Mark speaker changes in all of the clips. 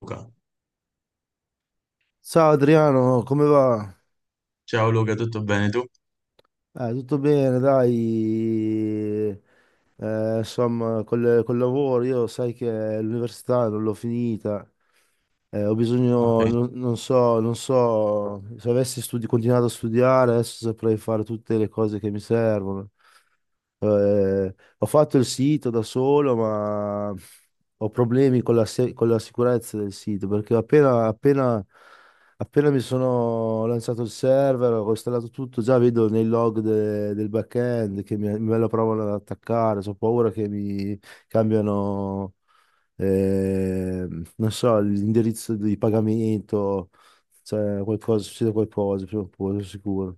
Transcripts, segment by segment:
Speaker 1: Luca.
Speaker 2: Ciao Adriano, come va?
Speaker 1: Ciao Luca, tutto bene tu?
Speaker 2: Tutto bene, dai. Insomma, col lavoro, io sai che l'università non l'ho finita. Ho
Speaker 1: Ah,
Speaker 2: bisogno,
Speaker 1: ok,
Speaker 2: non so, se avessi continuato a studiare, adesso saprei fare tutte le cose che mi servono. Ho fatto il sito da solo, ma ho problemi con la, se- con la sicurezza del sito, perché appena mi sono lanciato il server, ho installato tutto, già vedo nei log del backend che me lo provano ad attaccare, ho paura che mi cambiano, eh, non so, l'indirizzo di pagamento, cioè qualcosa, succede qualcosa prima o poi, sono sicuro.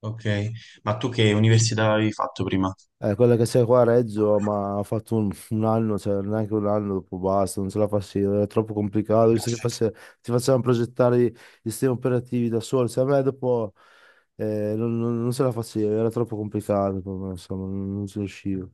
Speaker 1: ok. Ma tu che università avevi fatto prima?
Speaker 2: Quella che c'è qua a Reggio, ma ha fatto un anno, cioè neanche un anno, dopo basta, non ce la faceva, era troppo complicato, visto che ti facevano progettare i sistemi operativi da soli, cioè a me dopo non ce la faceva, era troppo complicato, per me, insomma, non ci riuscivo.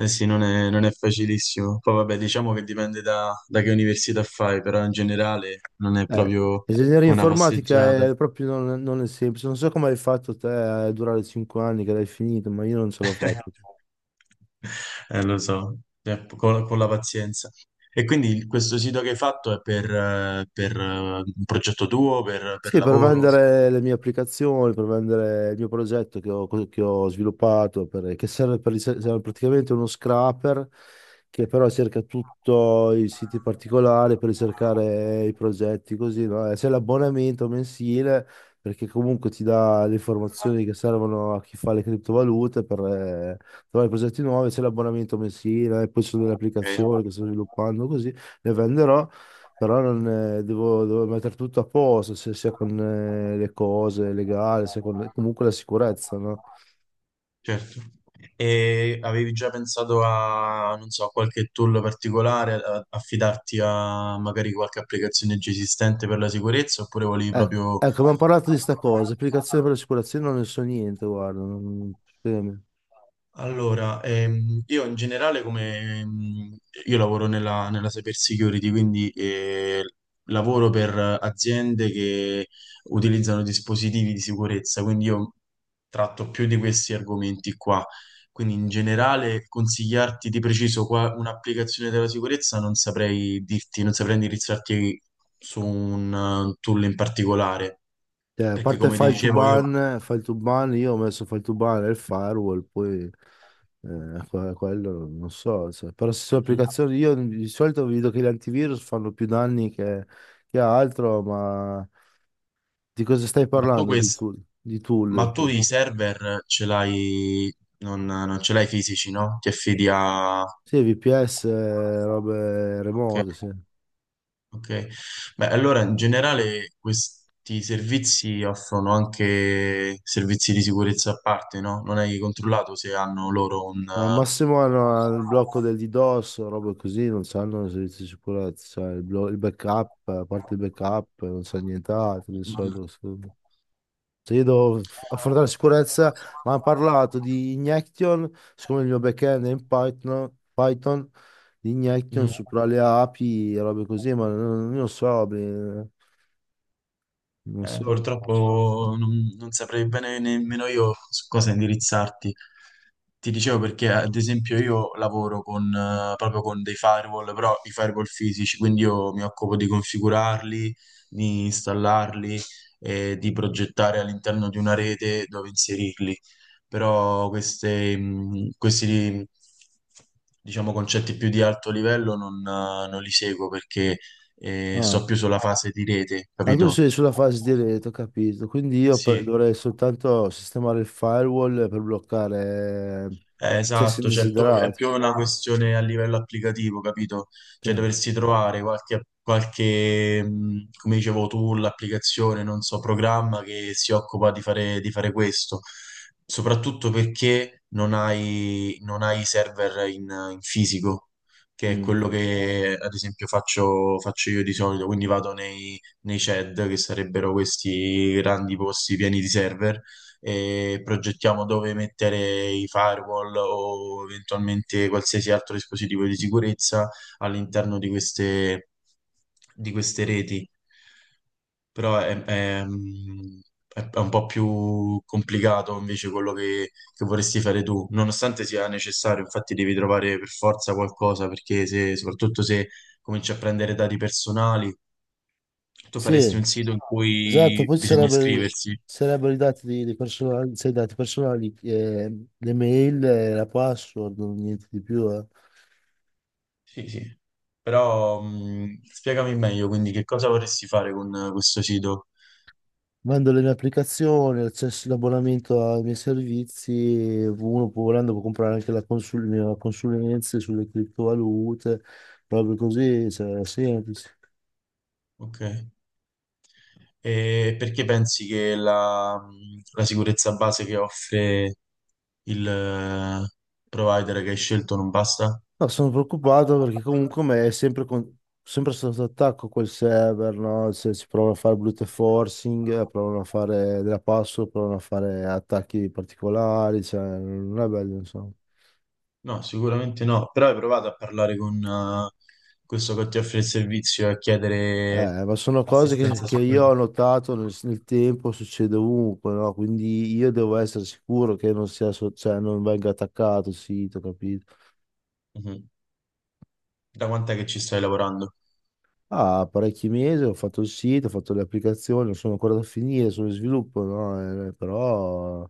Speaker 1: Eh sì, non è facilissimo. Poi vabbè, diciamo che dipende da che università fai, però in generale non è
Speaker 2: Eh,
Speaker 1: proprio
Speaker 2: Ingegneria
Speaker 1: una passeggiata.
Speaker 2: informatica è proprio non, non è semplice. Non so come hai fatto te a durare cinque anni che l'hai finito, ma io non ce l'ho fatta.
Speaker 1: Lo so. Con la pazienza. E quindi questo sito che hai fatto è per un progetto tuo, per
Speaker 2: Sì, per
Speaker 1: lavoro?
Speaker 2: vendere le mie applicazioni, per vendere il mio progetto che ho sviluppato, che serve, per, serve praticamente uno scraper che però cerca tutti i siti particolari per ricercare i progetti, così, no? E c'è l'abbonamento mensile perché comunque ti dà le informazioni che servono a chi fa le criptovalute per trovare progetti nuovi, c'è l'abbonamento mensile, e poi ci sono delle
Speaker 1: Ok.
Speaker 2: applicazioni che sto sviluppando, così le venderò. Però non, devo, devo mettere tutto a posto, se sia con le cose legali, sia con comunque la sicurezza, no?
Speaker 1: Certo. E avevi già pensato a, non so, a qualche tool particolare, affidarti a magari qualche applicazione già esistente per la sicurezza, oppure volevi
Speaker 2: Ecco,
Speaker 1: proprio.
Speaker 2: ecco, abbiamo parlato di sta cosa, applicazione per l'assicurazione non ne so niente, guarda, scusami.
Speaker 1: Allora, io in generale come io lavoro nella cyber security, quindi lavoro per aziende che utilizzano dispositivi di sicurezza, quindi io tratto più di questi argomenti qua. Quindi in generale consigliarti di preciso qua un'applicazione della sicurezza non saprei dirti, non saprei indirizzarti su un tool in particolare,
Speaker 2: Cioè, a
Speaker 1: perché
Speaker 2: parte
Speaker 1: come ti, ah, dicevo io.
Speaker 2: file to ban, io ho messo file to ban e il firewall, poi quello non so, cioè, però se sono applicazioni, io di solito vedo che gli antivirus fanno più danni che altro, ma di cosa stai
Speaker 1: Ma tu, vabbè,
Speaker 2: parlando di
Speaker 1: questo.
Speaker 2: tool? Di tool?
Speaker 1: Ma tu i server ce l'hai, non ce l'hai fisici, no? Ti affidi a.
Speaker 2: Sì, VPS, robe remote, sì.
Speaker 1: Ok. Beh, allora in generale questi servizi offrono anche servizi di sicurezza a parte, no? Non hai controllato se hanno loro un...
Speaker 2: Al
Speaker 1: eh,
Speaker 2: massimo hanno il blocco del DDoS, robe così, non sanno i servizi di sicurezza, cioè il backup, a parte il backup, non sa nient'altro di
Speaker 1: Mm,
Speaker 2: solito. Sì. Se io devo affrontare la sicurezza, ma hanno parlato di Injection, siccome il mio backend è in Python di
Speaker 1: mm,
Speaker 2: Injection
Speaker 1: mm.
Speaker 2: su tra le API e robe così, ma non lo so, beh, non so.
Speaker 1: Purtroppo non saprei bene nemmeno io su cosa indirizzarti. Ti dicevo perché, ad esempio, io lavoro proprio con dei firewall, però i firewall fisici, quindi io mi occupo di configurarli, di installarli e di progettare all'interno di una rete dove inserirli. Però queste, questi, diciamo, concetti più di alto livello non li seguo perché,
Speaker 2: Ah.
Speaker 1: sto più sulla fase di rete,
Speaker 2: Ah, tu
Speaker 1: capito?
Speaker 2: sei sulla fase di rete, ho capito. Quindi io
Speaker 1: Sì,
Speaker 2: dovrei soltanto sistemare il firewall per bloccare accessi
Speaker 1: esatto, cioè il tuo è
Speaker 2: indesiderati.
Speaker 1: più una questione a livello applicativo, capito?
Speaker 2: Sì.
Speaker 1: Cioè dovresti trovare qualche, come dicevo tu, l'applicazione, non so, programma che si occupa di fare, questo, soprattutto perché non hai i server in fisico, che è
Speaker 2: Mm.
Speaker 1: quello che ad esempio faccio io di solito, quindi vado nei, CED, che sarebbero questi grandi posti pieni di server e progettiamo dove mettere i firewall o eventualmente qualsiasi altro dispositivo di sicurezza all'interno di queste reti. Però è un po' più complicato invece quello che vorresti fare tu, nonostante sia necessario, infatti devi trovare per forza qualcosa, perché se, soprattutto se cominci a prendere dati personali, tu
Speaker 2: Sì,
Speaker 1: faresti un sito in
Speaker 2: esatto.
Speaker 1: cui
Speaker 2: Poi
Speaker 1: bisogna iscriversi.
Speaker 2: ci sarebbero i dati, dei personali, cioè, i dati personali, le mail, la password, niente di più. Eh.
Speaker 1: Sì, sì. Però spiegami meglio, quindi che cosa vorresti fare con questo sito?
Speaker 2: Mando le mie applicazioni, accesso l'abbonamento ai miei servizi. Uno può, volendo, può comprare anche le mie consulenze sulle criptovalute. Proprio così, cioè, è semplice.
Speaker 1: Ok. E perché pensi che la sicurezza base che offre il provider che hai scelto non basta?
Speaker 2: No, sono preoccupato perché comunque me è sempre sotto attacco quel server, no? Se si provano a fare brute forcing, provano a fare della password, provano a fare attacchi particolari, cioè non è bello, insomma.
Speaker 1: No, sicuramente no, però hai provato a parlare con questo che ti offre il servizio e a chiedere
Speaker 2: Ma sono cose
Speaker 1: assistenza
Speaker 2: che
Speaker 1: su
Speaker 2: io
Speaker 1: quello.
Speaker 2: ho notato nel tempo, succede ovunque, no? Quindi io devo essere sicuro che non sia, so- cioè, non venga attaccato il sito, capito?
Speaker 1: Mhm. Da quant'è che ci stai lavorando?
Speaker 2: Ah, parecchi mesi, ho fatto il sito, ho fatto le applicazioni, non sono ancora da finire, sono in sviluppo, no? Però,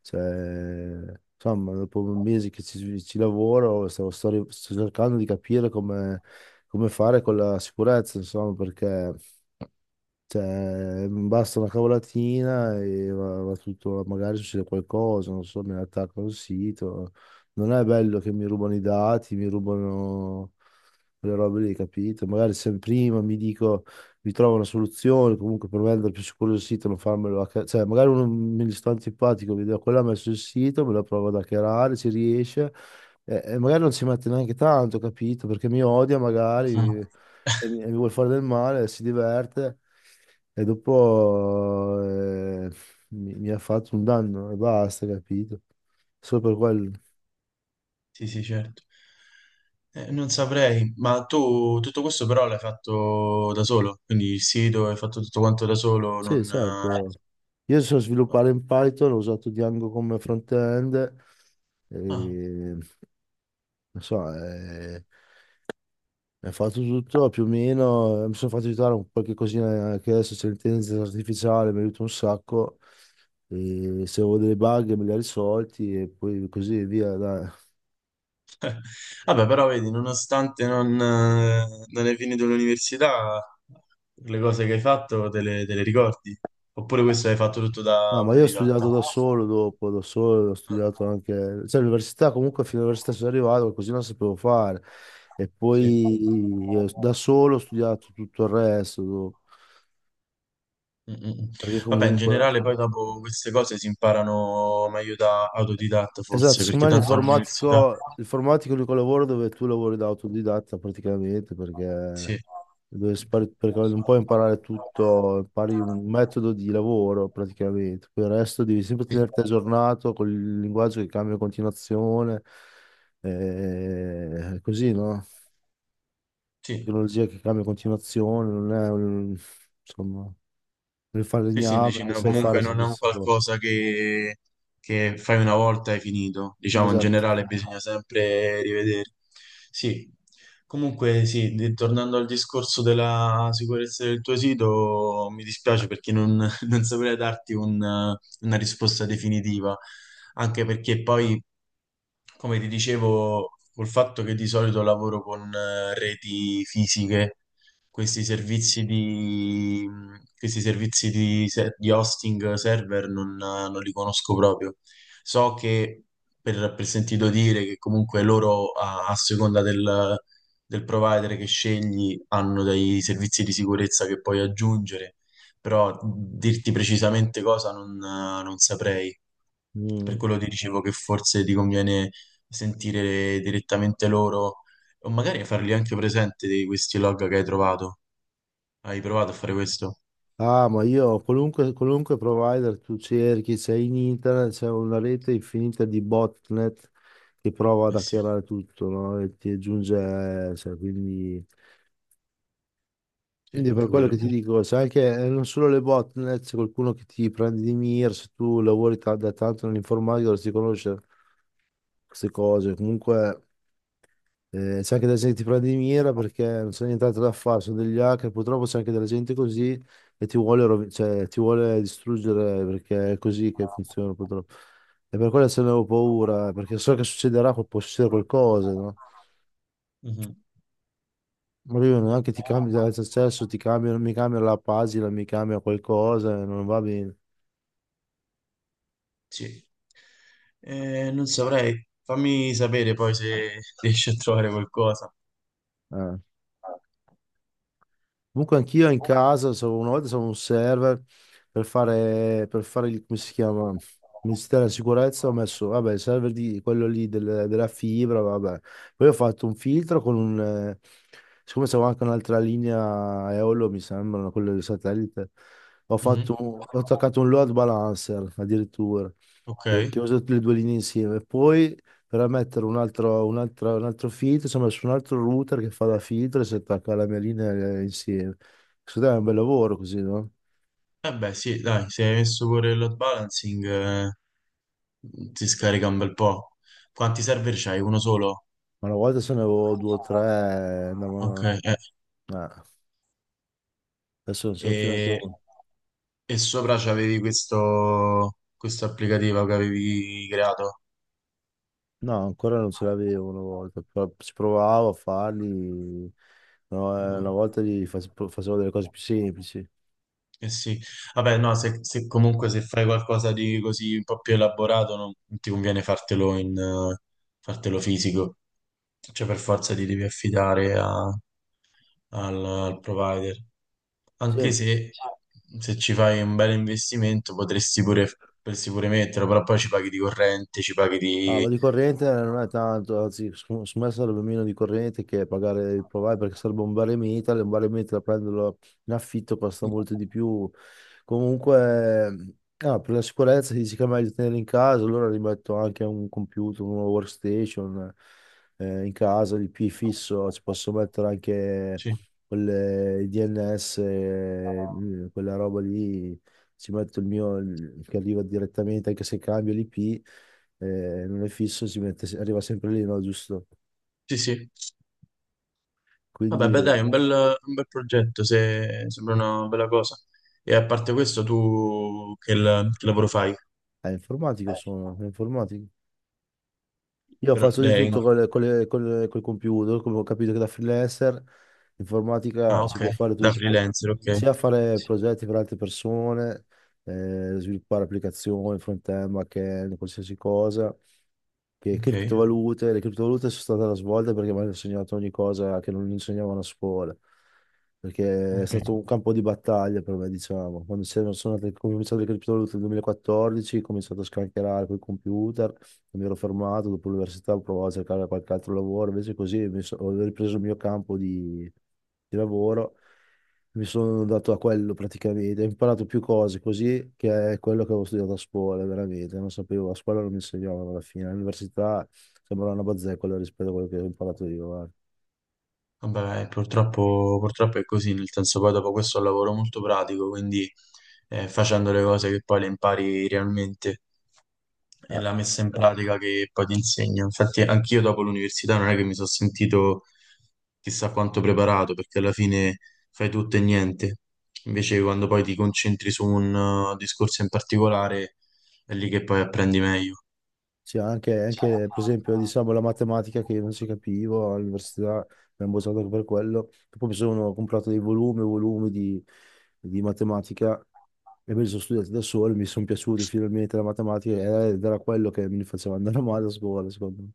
Speaker 2: cioè, insomma, dopo mesi che ci lavoro, sto cercando di capire come, come fare con la sicurezza, insomma, perché cioè, basta una cavolatina e va, va tutto, magari succede qualcosa, non so, mi attaccano il sito. Non è bello che mi rubano i dati, mi rubano le robe lì, capito? Magari se prima mi dico, mi trovo una soluzione, comunque per vendere più sicuro il sito, non farmelo cioè, magari uno mi sta antipatico, vedo quello ha messo il sito, me lo provo ad hackerare, ci riesce, e magari non ci mette neanche tanto, capito? Perché mi odia
Speaker 1: Mhm.
Speaker 2: magari e mi vuole fare del male, si diverte. E dopo mi ha fatto un danno e basta, capito? Solo per quello.
Speaker 1: Sì, sì, certo. Non saprei, ma tu tutto questo però l'hai fatto da solo, quindi il sito hai fatto tutto quanto da solo,
Speaker 2: Sì,
Speaker 1: non...
Speaker 2: certo. Io so sviluppare in Python, ho usato Django come front-end,
Speaker 1: ah.
Speaker 2: e, non so, mi ha fatto tutto più o meno, mi sono fatto aiutare un qualche cosina che adesso c'è l'intelligenza artificiale, mi aiuta un sacco, e se avevo delle bug me le ha risolti e poi così via, dai.
Speaker 1: Vabbè, però vedi, nonostante non hai finito l'università, le cose che hai fatto te le ricordi? Oppure questo hai fatto tutto da
Speaker 2: No, ma io ho
Speaker 1: autodidatta?
Speaker 2: studiato da solo dopo, da solo, ho
Speaker 1: Eh,
Speaker 2: studiato anche, cioè l'università comunque fino all'università sono arrivato, così non sapevo fare. E
Speaker 1: Sì.
Speaker 2: poi io da solo ho studiato tutto il resto, dopo.
Speaker 1: Mm, mm, mm.
Speaker 2: Perché
Speaker 1: Vabbè, in
Speaker 2: comunque,
Speaker 1: generale poi dopo queste cose si imparano meglio da autodidatta
Speaker 2: esatto,
Speaker 1: forse, perché
Speaker 2: secondo me
Speaker 1: tanto all'università.
Speaker 2: l'informatico è l'unico lavoro dove tu lavori da autodidatta praticamente, perché
Speaker 1: Sì,
Speaker 2: perché non puoi imparare tutto, impari un metodo di lavoro praticamente, poi il resto devi sempre
Speaker 1: sì,
Speaker 2: tenerti aggiornato con il linguaggio che cambia in continuazione, così, no?
Speaker 1: sì.
Speaker 2: Tecnologia che cambia in continuazione, non è un, insomma, il
Speaker 1: Sì, sì,
Speaker 2: falegname
Speaker 1: dici,
Speaker 2: che
Speaker 1: no,
Speaker 2: sai fare
Speaker 1: comunque
Speaker 2: se
Speaker 1: non è un
Speaker 2: questo.
Speaker 1: qualcosa che fai una volta e hai finito. Diciamo, in
Speaker 2: Esatto.
Speaker 1: generale bisogna sempre rivedere. Sì, comunque sì, tornando al discorso della sicurezza del tuo sito, mi dispiace perché non, non saprei darti una risposta definitiva, anche perché poi, come ti dicevo, col fatto che di solito lavoro con reti fisiche questi servizi di, questi servizi di hosting server non li conosco proprio. So che per sentito dire che comunque loro a seconda del provider che scegli hanno dei servizi di sicurezza che puoi aggiungere, però dirti precisamente cosa non saprei. Per
Speaker 2: Mm.
Speaker 1: quello ti dicevo che forse ti conviene sentire direttamente loro o magari fargli anche presente di questi log che hai trovato. Hai provato a fare questo?
Speaker 2: Ah, ma io qualunque provider tu cerchi, c'è in internet, c'è una rete infinita di botnet che prova ad
Speaker 1: Eh sì,
Speaker 2: hackerare tutto, no? E ti aggiunge, cioè, quindi,
Speaker 1: sì,
Speaker 2: quindi per
Speaker 1: anche
Speaker 2: quello
Speaker 1: quello è
Speaker 2: che ti
Speaker 1: vero.
Speaker 2: dico, c'è anche, non solo le botnet, c'è qualcuno che ti prende di mira, se tu lavori da tanto nell'informatica dovresti conoscere queste cose, comunque... c'è anche della gente che ti prende di mira perché non c'è nient'altro da fare, sono degli hacker, purtroppo c'è anche della gente così e ti cioè, ti vuole distruggere perché è così che funziona purtroppo. E per quello ce ne avevo paura, perché so che succederà, può succedere qualcosa, no?
Speaker 1: Mhm,
Speaker 2: Ma io neanche ti cambia l'accesso, ti cambiano, mi cambia la pagina, mi cambia qualcosa, non va bene.
Speaker 1: sì. Non saprei. Fammi sapere poi se riesci a trovare qualcosa.
Speaker 2: Eh. Comunque anch'io in casa, una volta stavo un server per fare il, come si chiama, Ministero della Sicurezza, ho messo, vabbè, il server di quello lì della fibra, vabbè. Poi ho fatto un filtro con un, siccome c'avevo anche un'altra linea Eolo, mi sembra, quello del satellite, ho fatto,
Speaker 1: Mhm,
Speaker 2: ho attaccato un load balancer addirittura,
Speaker 1: ok.
Speaker 2: che ho usato le due linee insieme. Poi per mettere un altro filtro, insomma, su un altro router che fa da filtro e si attacca alla mia linea insieme. Secondo me è un bel lavoro così, no?
Speaker 1: Eh beh, sì, dai, se hai messo pure il load balancing, ti scarica un bel po'. Quanti server c'hai? Uno solo?
Speaker 2: Ma una volta se ne avevo due o tre,
Speaker 1: Ok,
Speaker 2: andavano...
Speaker 1: eh.
Speaker 2: eh, adesso non ce n'ho più neanche
Speaker 1: E
Speaker 2: uno.
Speaker 1: E sopra c'avevi questo applicativo che avevi creato.
Speaker 2: No, ancora non ce l'avevo una volta, però ci provavo a farli, no, una
Speaker 1: Mm.
Speaker 2: volta facevo delle cose più semplici.
Speaker 1: Eh sì, vabbè, no, se, comunque se fai qualcosa di così un po' più elaborato, non ti conviene fartelo fisico, cioè per forza ti devi affidare al provider.
Speaker 2: Sì,
Speaker 1: Anche se ci fai un bel investimento potresti pure metterlo, però poi ci paghi di corrente, ci paghi
Speaker 2: ah, ma
Speaker 1: di.
Speaker 2: di corrente non è tanto, anzi, secondo me sarebbe meno di corrente che pagare il provider perché sarebbe un baremeta, e metal, e un baremeta da prenderlo in affitto costa molto di più. Comunque, ah, per la sicurezza si dice che è meglio tenere in casa, allora rimetto anche un computer, una workstation in casa, l'IP fisso, ci posso mettere anche
Speaker 1: Sì,
Speaker 2: quelle, i DNS, quella roba lì, ci metto il mio che arriva direttamente anche se cambio l'IP, non è fisso, si mette, arriva sempre lì, no, giusto?
Speaker 1: sì, sì. Vabbè, beh,
Speaker 2: Quindi
Speaker 1: dai, un bel progetto, se sembra una bella cosa. E a parte questo, tu che lavoro fai?
Speaker 2: è informatico, sono, è informatico. Io ho
Speaker 1: Però
Speaker 2: fatto di
Speaker 1: lei.
Speaker 2: tutto col computer, come ho capito che da freelancer informatica
Speaker 1: Ah,
Speaker 2: si
Speaker 1: ok,
Speaker 2: può fare
Speaker 1: da
Speaker 2: tutto,
Speaker 1: freelancer, ok.
Speaker 2: sia fare progetti per altre persone, sviluppare applicazioni, front-end, back-end, qualsiasi cosa. Che
Speaker 1: Ok,
Speaker 2: criptovalute, le criptovalute sono state la svolta perché mi hanno insegnato ogni cosa che non insegnavano a scuola, perché è
Speaker 1: ok.
Speaker 2: stato un campo di battaglia per me, diciamo. Quando c'erano- sono andate- Come ho cominciato le criptovalute nel 2014, ho cominciato a scancherare con i computer, mi ero fermato, dopo l'università ho provato a cercare qualche altro lavoro, invece così ho ripreso il mio campo di lavoro, mi sono dato a quello praticamente, ho imparato più cose così che è quello che avevo studiato a scuola, veramente, non sapevo, a scuola non mi insegnavano alla fine, all'università sembrava una bazzecola rispetto a quello che ho imparato io, guarda.
Speaker 1: Vabbè, purtroppo, purtroppo è così, nel senso poi dopo questo è un lavoro molto pratico, quindi facendo le cose che poi le impari realmente. È la
Speaker 2: Eh,
Speaker 1: messa in pratica che poi ti insegna. Infatti, anch'io dopo l'università non è che mi sono sentito chissà quanto preparato, perché alla fine fai tutto e niente. Invece, quando poi ti concentri su un discorso in particolare, è lì che poi apprendi meglio.
Speaker 2: sì, anche, per esempio diciamo la matematica che io non si capivo all'università, mi hanno bocciato anche per quello, poi mi sono comprato dei volumi, e volumi di matematica e me li sono studiati da solo, mi sono piaciuti finalmente la matematica ed era quello che mi faceva andare male a scuola, secondo me.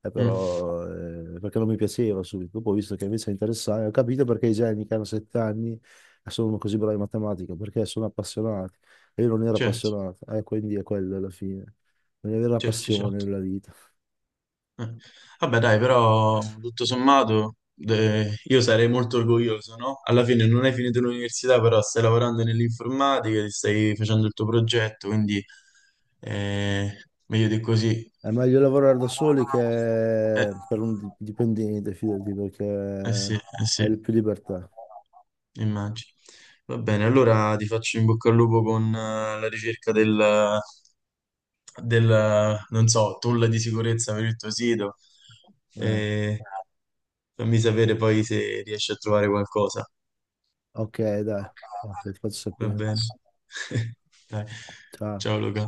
Speaker 1: Mm,
Speaker 2: Perché non mi piaceva subito. Dopo ho visto che invece è interessante, ho capito perché i geni che hanno sette anni sono così bravi in matematica, perché sono appassionati. E io non ero
Speaker 1: certo,
Speaker 2: appassionato, quindi è quello alla fine. Non avere la
Speaker 1: certo,
Speaker 2: passione
Speaker 1: certo.
Speaker 2: nella vita.
Speaker 1: Eh. Vabbè, dai, però tutto sommato io sarei molto orgoglioso, no? Alla fine non hai finito l'università, però stai lavorando nell'informatica, ti stai facendo il tuo progetto, quindi eh, meglio di così.
Speaker 2: È meglio lavorare da soli che
Speaker 1: Eh,
Speaker 2: per un dipendente, fidati,
Speaker 1: eh sì,
Speaker 2: perché
Speaker 1: eh sì.
Speaker 2: hai più libertà.
Speaker 1: Immagino. Va bene, allora ti faccio in bocca al lupo con la ricerca del, non so, tool di sicurezza per il tuo sito.
Speaker 2: Eh.
Speaker 1: E fammi sapere poi se riesci a trovare qualcosa.
Speaker 2: Ok, dai. Ok, ti faccio
Speaker 1: Va
Speaker 2: sapere.
Speaker 1: bene. Dai.
Speaker 2: Ciao.
Speaker 1: Ciao Luca.